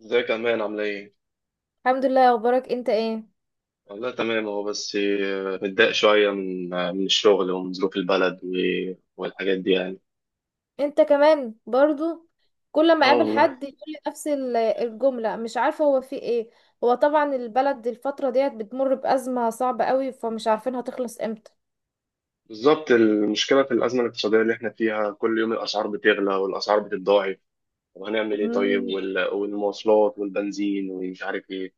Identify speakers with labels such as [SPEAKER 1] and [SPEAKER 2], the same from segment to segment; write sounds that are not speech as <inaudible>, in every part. [SPEAKER 1] ازيك يا امان؟ عامله ايه؟
[SPEAKER 2] الحمد لله. اخبارك انت ايه؟
[SPEAKER 1] والله تمام. هو بس متضايق شويه من الشغل ومن ظروف البلد والحاجات دي يعني.
[SPEAKER 2] انت كمان برضو. كل ما
[SPEAKER 1] اه
[SPEAKER 2] اقابل
[SPEAKER 1] والله.
[SPEAKER 2] حد يقول لي نفس الجملة، مش عارفة هو في ايه. هو طبعا البلد الفترة ديت بتمر بأزمة صعبة قوي، فمش عارفين هتخلص امتى.
[SPEAKER 1] بالظبط، المشكله في الازمه الاقتصاديه اللي احنا فيها كل يوم الاسعار بتغلى والاسعار بتتضاعف. طب هنعمل ايه؟ طيب
[SPEAKER 2] مم،
[SPEAKER 1] والمواصلات والبنزين ومش عارف ايه.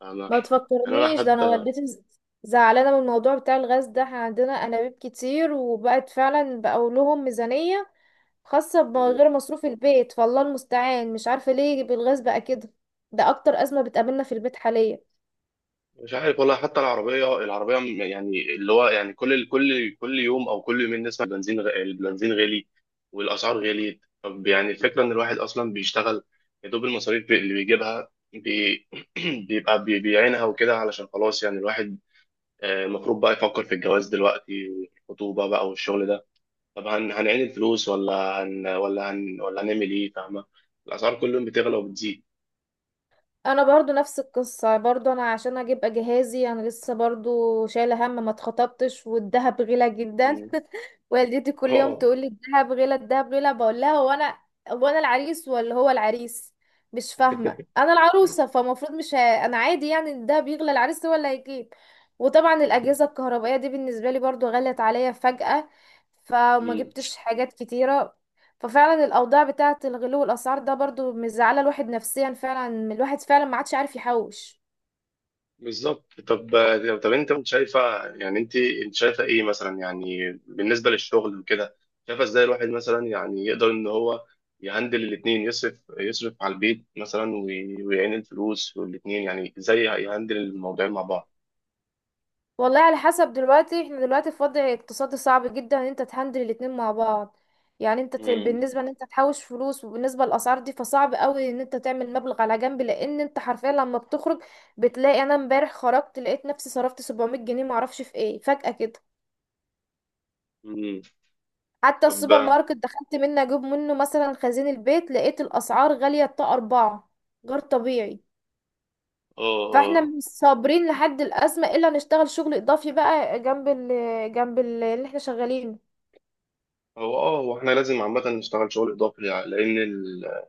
[SPEAKER 1] فاهمه؟
[SPEAKER 2] ما
[SPEAKER 1] يعني انا
[SPEAKER 2] تفكرنيش ده، انا
[SPEAKER 1] حتى
[SPEAKER 2] والدتي زعلانة من الموضوع بتاع الغاز ده. احنا عندنا انابيب كتير وبقت فعلا، بقوا لهم ميزانية خاصة بغير مصروف البيت. فالله المستعان، مش عارفة ليه بالغاز بقى كده. ده اكتر أزمة بتقابلنا في البيت حاليا.
[SPEAKER 1] مش عارف والله. حتى يعني اللي هو يعني كل يوم أو كل يومين نسمع البنزين غالي والأسعار غليت. طب يعني الفكرة إن الواحد أصلا بيشتغل يا دوب المصاريف اللي بيجيبها <clears throat> بيعينها وكده، علشان خلاص يعني الواحد المفروض بقى يفكر في الجواز دلوقتي، والخطوبة بقى والشغل ده. طب هنعين الفلوس ولا هنعمل إيه؟ فاهمة؟ الأسعار كل يوم بتغلى وبتزيد.
[SPEAKER 2] انا برضو نفس القصة، برضو انا عشان اجيب جهازي انا لسه، برضو شايلة هم، ما اتخطبتش والدهب غلا جدا.
[SPEAKER 1] مم.
[SPEAKER 2] والدتي كل يوم
[SPEAKER 1] اه.
[SPEAKER 2] تقول لي الذهب غلا الذهب غلا. بقول لها هو انا، هو انا العريس ولا هو العريس؟ مش فاهمه،
[SPEAKER 1] <laughs>
[SPEAKER 2] انا العروسه فالمفروض مش ه... انا عادي يعني الذهب يغلى، العريس هو اللي هيجيب. وطبعا الاجهزه الكهربائيه دي بالنسبه لي برضو غلت عليا فجاه، فما جبتش حاجات كتيره. ففعلا الاوضاع بتاعه الغلو والاسعار ده برضو مزعله الواحد نفسيا، فعلا الواحد فعلا ما عادش عارف يحوش.
[SPEAKER 1] بالظبط. طب انت كنت شايفه؟ يعني انت شايفه ايه مثلا يعني بالنسبه للشغل وكده؟ شايفه ازاي الواحد مثلا يعني يقدر ان هو يهندل الاثنين، يصرف على البيت مثلا ويعين الفلوس والاثنين. يعني ازاي يهندل الموضوعين مع بعض؟
[SPEAKER 2] والله على حسب، دلوقتي احنا دلوقتي في وضع اقتصادي صعب جدا ان انت تهندل الاتنين مع بعض. يعني انت
[SPEAKER 1] امم.
[SPEAKER 2] بالنسبة ان انت تحوش فلوس وبالنسبة للاسعار دي، فصعب قوي ان انت تعمل مبلغ على جنب، لان انت حرفيا لما بتخرج بتلاقي، انا امبارح خرجت لقيت نفسي صرفت 700 جنيه معرفش في ايه فجأة كده.
[SPEAKER 1] امم.
[SPEAKER 2] حتى
[SPEAKER 1] طب.
[SPEAKER 2] السوبر
[SPEAKER 1] اه.
[SPEAKER 2] ماركت دخلت منه اجيب منه مثلا خزين البيت، لقيت الاسعار غالية، الطاقة اربعة، غير طبيعي. فاحنا
[SPEAKER 1] اه.
[SPEAKER 2] مش صابرين لحد الازمة الا نشتغل شغل اضافي بقى جنب جنب اللي احنا شغالين.
[SPEAKER 1] هو احنا لازم عامه نشتغل شغل اضافي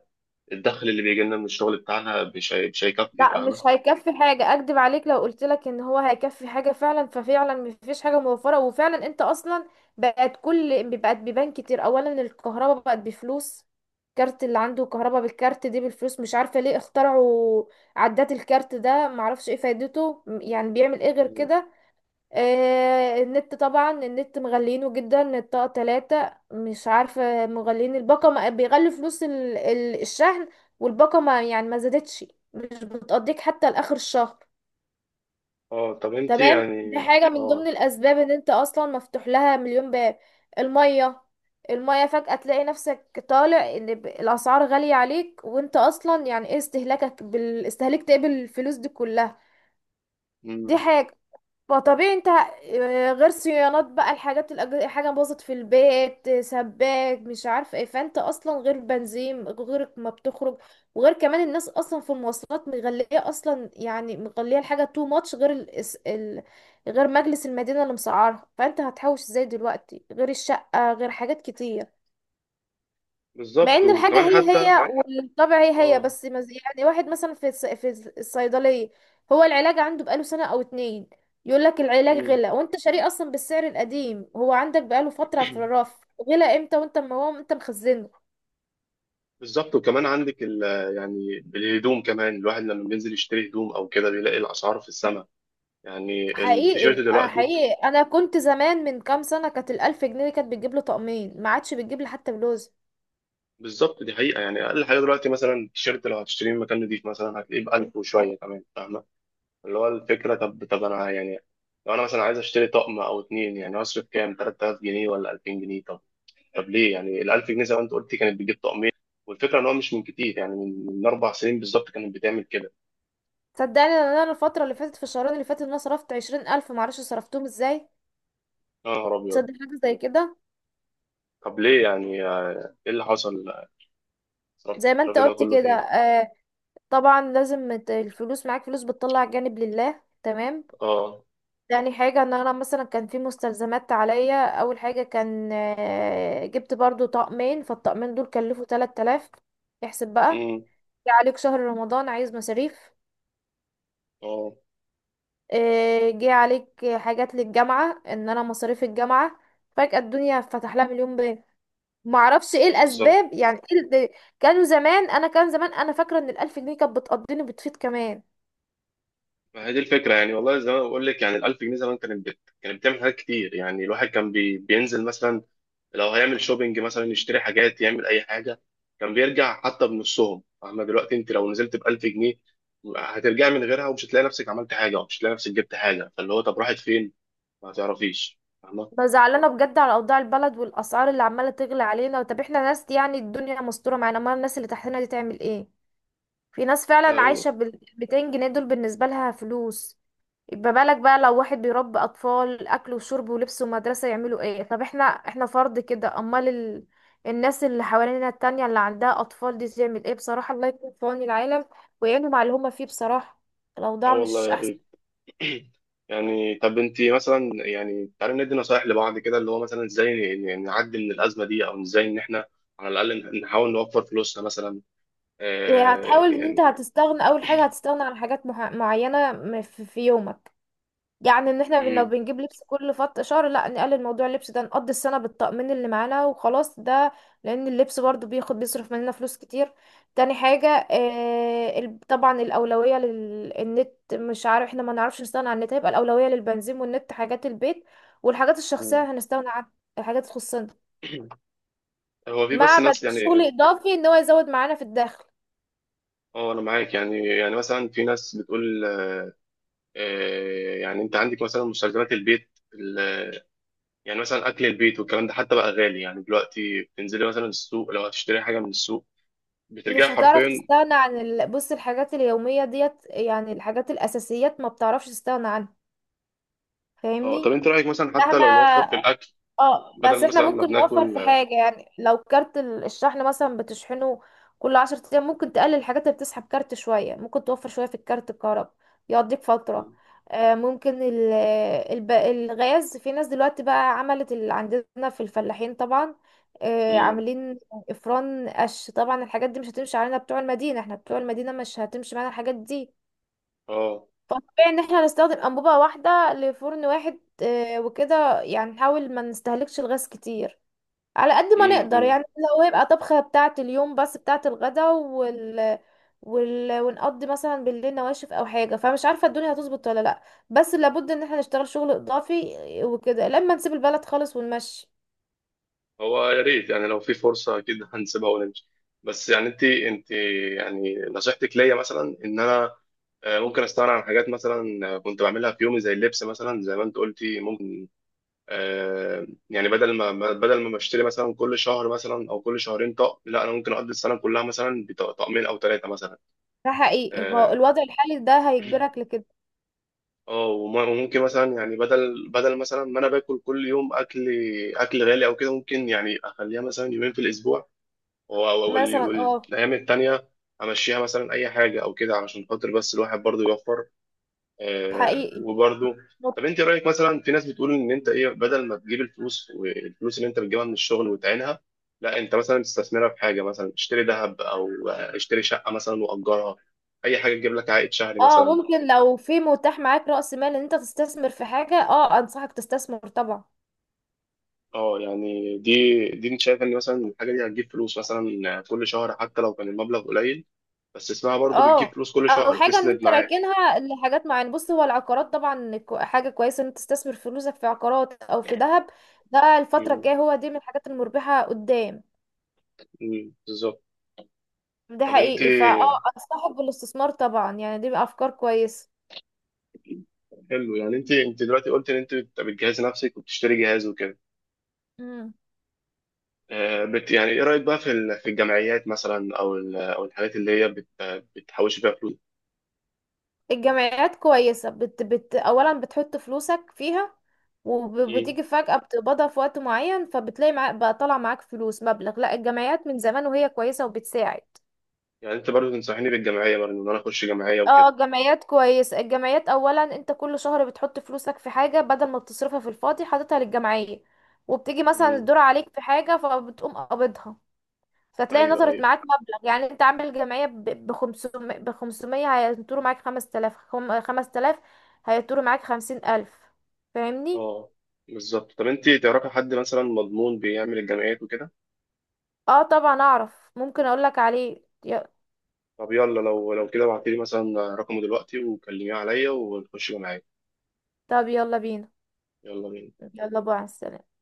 [SPEAKER 1] الدخل اللي بيجي لنا من الشغل بتاعنا مش هيكفي.
[SPEAKER 2] لا
[SPEAKER 1] فاهمه؟
[SPEAKER 2] مش هيكفي حاجة، اكدب عليك لو قلت لك ان هو هيكفي حاجة فعلا. ففعلا مفيش حاجة موفرة، وفعلا انت اصلا بقت بيبان كتير. اولا الكهرباء بقت بفلوس، كارت، اللي عنده كهرباء بالكارت دي بالفلوس، مش عارفة ليه اخترعوا عدات الكارت ده، معرفش ايه فايدته، يعني بيعمل ايه غير
[SPEAKER 1] مم.
[SPEAKER 2] كده؟ النت، طبعا النت مغلينه جدا، الطاقة تلاتة، مش عارفة مغلين الباقة، بيغلي فلوس الشحن، والباقة ما يعني ما زادتش، مش بتقضيك حتى لآخر الشهر.
[SPEAKER 1] اه طب انت
[SPEAKER 2] تمام، دي
[SPEAKER 1] يعني.
[SPEAKER 2] حاجة من ضمن
[SPEAKER 1] اه
[SPEAKER 2] الأسباب إن أنت أصلا مفتوح لها مليون باب. المية، المية فجأة تلاقي نفسك طالع إن الأسعار غالية عليك، وأنت أصلا يعني إيه استهلاكك بالاستهلاك تقبل الفلوس دي كلها؟ دي حاجة، فطبيعي انت غير صيانات بقى الحاجات، حاجة باظت في البيت، سباك مش عارفة ايه، فانت اصلا غير بنزين غيرك ما بتخرج. وغير كمان الناس اصلا في المواصلات مغلية اصلا، يعني مغلية الحاجة تو ماتش، غير غير مجلس المدينة اللي مسعرها، فانت هتحوش ازاي دلوقتي؟ غير الشقة، غير حاجات كتير. مع
[SPEAKER 1] بالظبط،
[SPEAKER 2] ان الحاجه
[SPEAKER 1] وكمان
[SPEAKER 2] هي
[SPEAKER 1] حتى.
[SPEAKER 2] هي، صح؟ والطبع هي هي
[SPEAKER 1] اه.
[SPEAKER 2] بس، يعني واحد مثلا في في الصيدليه، هو العلاج عنده بقاله سنه او اتنين، يقول لك العلاج
[SPEAKER 1] مم.
[SPEAKER 2] غلى، وانت شاريه اصلا بالسعر القديم، هو عندك بقاله فتره في
[SPEAKER 1] <clears throat>
[SPEAKER 2] الرف، غلى امتى وانت ما هو انت مخزنه.
[SPEAKER 1] بالظبط، وكمان عندك يعني الهدوم كمان. الواحد لما بينزل يشتري هدوم او كده بيلاقي الاسعار في السماء. يعني التيشيرت
[SPEAKER 2] حقيقي، آه
[SPEAKER 1] دلوقتي.
[SPEAKER 2] حقيقي، انا كنت زمان، من كام سنه كانت 1000 جنيه دي كانت بتجيب له طقمين، ما عادش بتجيب لي حتى بلوز.
[SPEAKER 1] بالظبط، دي حقيقه. يعني اقل حاجه دلوقتي مثلا التيشيرت لو هتشتريه من مكان نضيف مثلا هتلاقيه ب 1000 وشويه كمان. فاهمه؟ اللي هو الفكره. طب انا يعني لو انا مثلا عايز اشتري طقم او اتنين، يعني هصرف كام؟ 3000 جنيه ولا 2000 جنيه؟ طب ليه يعني ال 1000 جنيه زي ما انت قلت كانت بتجيب طقمين؟ والفكره ان هو مش من كتير، يعني من 4 سنين بالظبط كانت بتعمل كده.
[SPEAKER 2] صدقني إن انا الفتره اللي فاتت، في الشهرين اللي فاتت، إن انا صرفت 20000 معرفش صرفتهم ازاي.
[SPEAKER 1] يا نهار ابيض.
[SPEAKER 2] تصدق حاجه زي كده؟
[SPEAKER 1] طب ليه؟ يعني ايه اللي حصل؟ الرفض
[SPEAKER 2] زي ما انت
[SPEAKER 1] الرفض ده
[SPEAKER 2] قلت
[SPEAKER 1] كله في
[SPEAKER 2] كده.
[SPEAKER 1] ايه؟
[SPEAKER 2] طبعا لازم الفلوس معاك، فلوس بتطلع جانب لله، تمام.
[SPEAKER 1] اه.
[SPEAKER 2] تاني حاجة ان انا مثلا كان في مستلزمات عليا، اول حاجة كان جبت برضو طقمين، فالطقمين دول كلفوا 3000، احسب بقى.
[SPEAKER 1] امم.
[SPEAKER 2] جه عليك شهر رمضان عايز مصاريف،
[SPEAKER 1] اه.
[SPEAKER 2] جه عليك حاجات للجامعة، ان انا مصاريف الجامعة، فجأة الدنيا فتح لها مليون باب، معرفش ايه
[SPEAKER 1] بالظبط.
[SPEAKER 2] الاسباب، يعني إيه ال- كانوا زمان، انا كان زمان انا فاكرة ان 1000 جنيه كانت بتقضيني بتفيض كمان.
[SPEAKER 1] ما هي دي الفكره. يعني والله زي ما بقول لك يعني ال 1000 جنيه زمان كانت بتعمل حاجات كتير. يعني الواحد كان بينزل مثلا لو هيعمل شوبينج مثلا، يشتري حاجات، يعمل اي حاجه كان بيرجع حتى بنصهم. اما دلوقتي انت لو نزلت ب 1000 جنيه هترجع من غيرها ومش هتلاقي نفسك عملت حاجه ومش هتلاقي نفسك جبت حاجه. فاللي هو طب راحت فين؟ ما تعرفيش. فاهمه؟
[SPEAKER 2] زعلانه بجد على اوضاع البلد والاسعار اللي عماله تغلى علينا. طب احنا ناس يعني الدنيا مستوره معانا، امال الناس اللي تحتنا دي تعمل ايه؟ في ناس
[SPEAKER 1] اه
[SPEAKER 2] فعلا
[SPEAKER 1] والله.
[SPEAKER 2] عايشه بال 200 جنيه، دول بالنسبه لها فلوس. يبقى بالك بقى لو واحد بيربي اطفال، اكل وشرب ولبس ومدرسه، يعملوا ايه؟ طب احنا، احنا فرد كده، امال الناس اللي حوالينا التانية اللي عندها اطفال دي تعمل ايه؟ بصراحه الله يكون في عون العالم ويعينهم على اللي هما فيه بصراحه.
[SPEAKER 1] اه
[SPEAKER 2] الاوضاع
[SPEAKER 1] والله
[SPEAKER 2] مش
[SPEAKER 1] يا
[SPEAKER 2] احسن.
[SPEAKER 1] بيه. يعني طب انت مثلا، يعني تعالي ندي نصايح لبعض كده، اللي هو مثلا ازاي نعدي من الازمه دي، او ازاي ان احنا على الاقل نحاول نوفر فلوسنا مثلا؟
[SPEAKER 2] هتحاول ان انت
[SPEAKER 1] يعني.
[SPEAKER 2] هتستغنى، اول حاجه هتستغنى عن حاجات معينه في في يومك. يعني ان احنا
[SPEAKER 1] مم.
[SPEAKER 2] بنجيب لبس كل فط شهر، لا نقلل موضوع اللبس ده، نقضي السنه بالطقمين اللي معانا وخلاص، ده لان اللبس برضو بياخد بيصرف مننا فلوس كتير. تاني حاجه، آه طبعا الاولويه للنت، مش عارف احنا ما نعرفش نستغنى عن النت، هيبقى الاولويه للبنزين والنت حاجات البيت، والحاجات
[SPEAKER 1] <clears throat> مم.
[SPEAKER 2] الشخصيه هنستغنى عن الحاجات تخصنا.
[SPEAKER 1] هو في
[SPEAKER 2] مع
[SPEAKER 1] بس
[SPEAKER 2] بدل
[SPEAKER 1] ناس
[SPEAKER 2] شغل
[SPEAKER 1] يعني.
[SPEAKER 2] اضافي ان هو يزود معانا في الدخل.
[SPEAKER 1] اه انا معاك. يعني مثلا في ناس بتقول. يعني انت عندك مثلا مستلزمات البيت يعني مثلا اكل البيت والكلام ده حتى بقى غالي. يعني دلوقتي بتنزلي مثلا السوق، لو هتشتري حاجه من السوق بترجعي
[SPEAKER 2] مش هتعرف
[SPEAKER 1] حرفيا.
[SPEAKER 2] تستغنى عن بص الحاجات اليومية ديت، يعني الحاجات الأساسيات ما بتعرفش تستغنى عنها،
[SPEAKER 1] اه
[SPEAKER 2] فاهمني؟
[SPEAKER 1] طب انت رايك مثلا حتى
[SPEAKER 2] مهما،
[SPEAKER 1] لو نوفر في الاكل،
[SPEAKER 2] اه بس
[SPEAKER 1] بدل
[SPEAKER 2] احنا
[SPEAKER 1] مثلا ما
[SPEAKER 2] ممكن نوفر في
[SPEAKER 1] بناكل.
[SPEAKER 2] حاجة. يعني لو كارت الشحن مثلا بتشحنه كل 10 ايام، ممكن تقلل الحاجات اللي بتسحب كارت شوية، ممكن توفر شوية في الكارت، الكهرباء يقضيك فترة.
[SPEAKER 1] آه،
[SPEAKER 2] آه ممكن الغاز، في ناس دلوقتي بقى عملت اللي عندنا في الفلاحين طبعا، آه
[SPEAKER 1] امم.
[SPEAKER 2] عاملين افران قش. طبعا الحاجات دي مش هتمشي علينا بتوع المدينة، احنا بتوع المدينة مش هتمشي معانا الحاجات دي.
[SPEAKER 1] اه.
[SPEAKER 2] فطبيعي ان احنا نستخدم انبوبة واحدة لفرن واحد، وكده يعني نحاول ما نستهلكش الغاز كتير على قد ما
[SPEAKER 1] امم.
[SPEAKER 2] نقدر
[SPEAKER 1] أمم.
[SPEAKER 2] يعني. لو هيبقى طبخة بتاعة اليوم بس بتاعة الغدا ونقضي مثلا بالليل نواشف او حاجة، فمش عارفة الدنيا هتظبط ولا لا. بس لابد ان احنا نشتغل شغل اضافي وكده لما نسيب البلد خالص ونمشي.
[SPEAKER 1] هو يا ريت، يعني لو في فرصه اكيد هنسيبها ونمشي. بس يعني انت يعني نصيحتك ليا مثلا ان انا ممكن استغنى عن حاجات مثلا، كنت بعملها في يومي زي اللبس مثلا. زي ما انت قلتي ممكن يعني بدل بدل ما بشتري مثلا كل شهر مثلا او كل شهرين طقم، لا انا ممكن اقضي السنه كلها مثلا بطقمين او ثلاثه مثلا.
[SPEAKER 2] ده حقيقي، ما هو
[SPEAKER 1] اه
[SPEAKER 2] الوضع الحالي ده هيجبرك لكده.
[SPEAKER 1] وممكن مثلا، يعني بدل مثلا ما انا باكل كل يوم اكل، اكل غالي او كده، ممكن يعني اخليها مثلا يومين في الاسبوع
[SPEAKER 2] مثلا اه.
[SPEAKER 1] والايام التانية امشيها مثلا اي حاجه او كده، علشان خاطر بس الواحد برضه يوفر.
[SPEAKER 2] حقيقي.
[SPEAKER 1] وبرضه.
[SPEAKER 2] مط-
[SPEAKER 1] طب انت رايك مثلا في ناس بتقول ان انت ايه، بدل ما تجيب الفلوس والفلوس اللي انت بتجيبها من الشغل وتعينها، لا انت مثلا تستثمرها في حاجه مثلا اشتري ذهب او اشتري شقه مثلا واجرها، اي حاجه تجيب لك عائد شهري
[SPEAKER 2] اه
[SPEAKER 1] مثلا.
[SPEAKER 2] ممكن، لو في متاح معاك رأس مال ان انت تستثمر في حاجة، اه انصحك تستثمر طبعا.
[SPEAKER 1] اه، يعني دي انت شايف ان مثلا الحاجه دي هتجيب فلوس مثلا كل شهر، حتى لو كان المبلغ قليل بس اسمها برضه
[SPEAKER 2] اه
[SPEAKER 1] بتجيب فلوس كل
[SPEAKER 2] او
[SPEAKER 1] شهر
[SPEAKER 2] حاجه ان
[SPEAKER 1] تسند
[SPEAKER 2] انت
[SPEAKER 1] معاك؟
[SPEAKER 2] راكنها لحاجات معينه. بص، هو العقارات طبعا حاجه كويسه ان انت تستثمر فلوسك في عقارات او في ذهب، ده الفتره الجايه هو دي من الحاجات المربحه قدام.
[SPEAKER 1] مم، بالظبط.
[SPEAKER 2] ده
[SPEAKER 1] طب انت.
[SPEAKER 2] حقيقي فاه، انصحك بالاستثمار طبعا، يعني دي افكار كويسه.
[SPEAKER 1] حلو. يعني انت دلوقتي قلت ان انت بتجهزي نفسك وبتشتري جهاز وكده،
[SPEAKER 2] مم.
[SPEAKER 1] يعني ايه رايك بقى في في الجمعيات مثلا، او او الحاجات اللي هي بتحوش بيها فلوس؟
[SPEAKER 2] الجمعيات كويسه، بت اولا بتحط فلوسك فيها،
[SPEAKER 1] مم.
[SPEAKER 2] وبتيجي فجأة بتقبضها في وقت معين، فبتلاقي معاك بقى طالع معاك فلوس مبلغ. لا الجمعيات من زمان وهي كويسة وبتساعد.
[SPEAKER 1] يعني انت برضو تنصحيني بالجمعيه، برضو ان انا اخش جمعيه
[SPEAKER 2] اه
[SPEAKER 1] وكده؟
[SPEAKER 2] الجمعيات كويس، الجمعيات اولا انت كل شهر بتحط فلوسك في حاجة بدل ما بتصرفها في الفاضي، حاططها للجمعية، وبتيجي مثلا
[SPEAKER 1] مم.
[SPEAKER 2] الدور عليك في حاجة فبتقوم قابضها، فتلاقي
[SPEAKER 1] ايوه،
[SPEAKER 2] نطرت
[SPEAKER 1] ايوه.
[SPEAKER 2] معاك مبلغ. يعني انت عامل جمعية ب 500، ب 500 هينطروا معاك 5000، 5000 هينطروا معاك 50000، فاهمني؟
[SPEAKER 1] اه. بالظبط. طب انت تعرفي حد مثلا مضمون بيعمل الجمعيات وكده؟
[SPEAKER 2] اه طبعا اعرف، ممكن اقولك عليه
[SPEAKER 1] طب يلا لو كده ابعتي لي مثلا رقمه دلوقتي وكلميه عليا ونخش جمعيه.
[SPEAKER 2] طب يلا بينا.
[SPEAKER 1] يلا بينا.
[SPEAKER 2] يلا بقى على السلامة.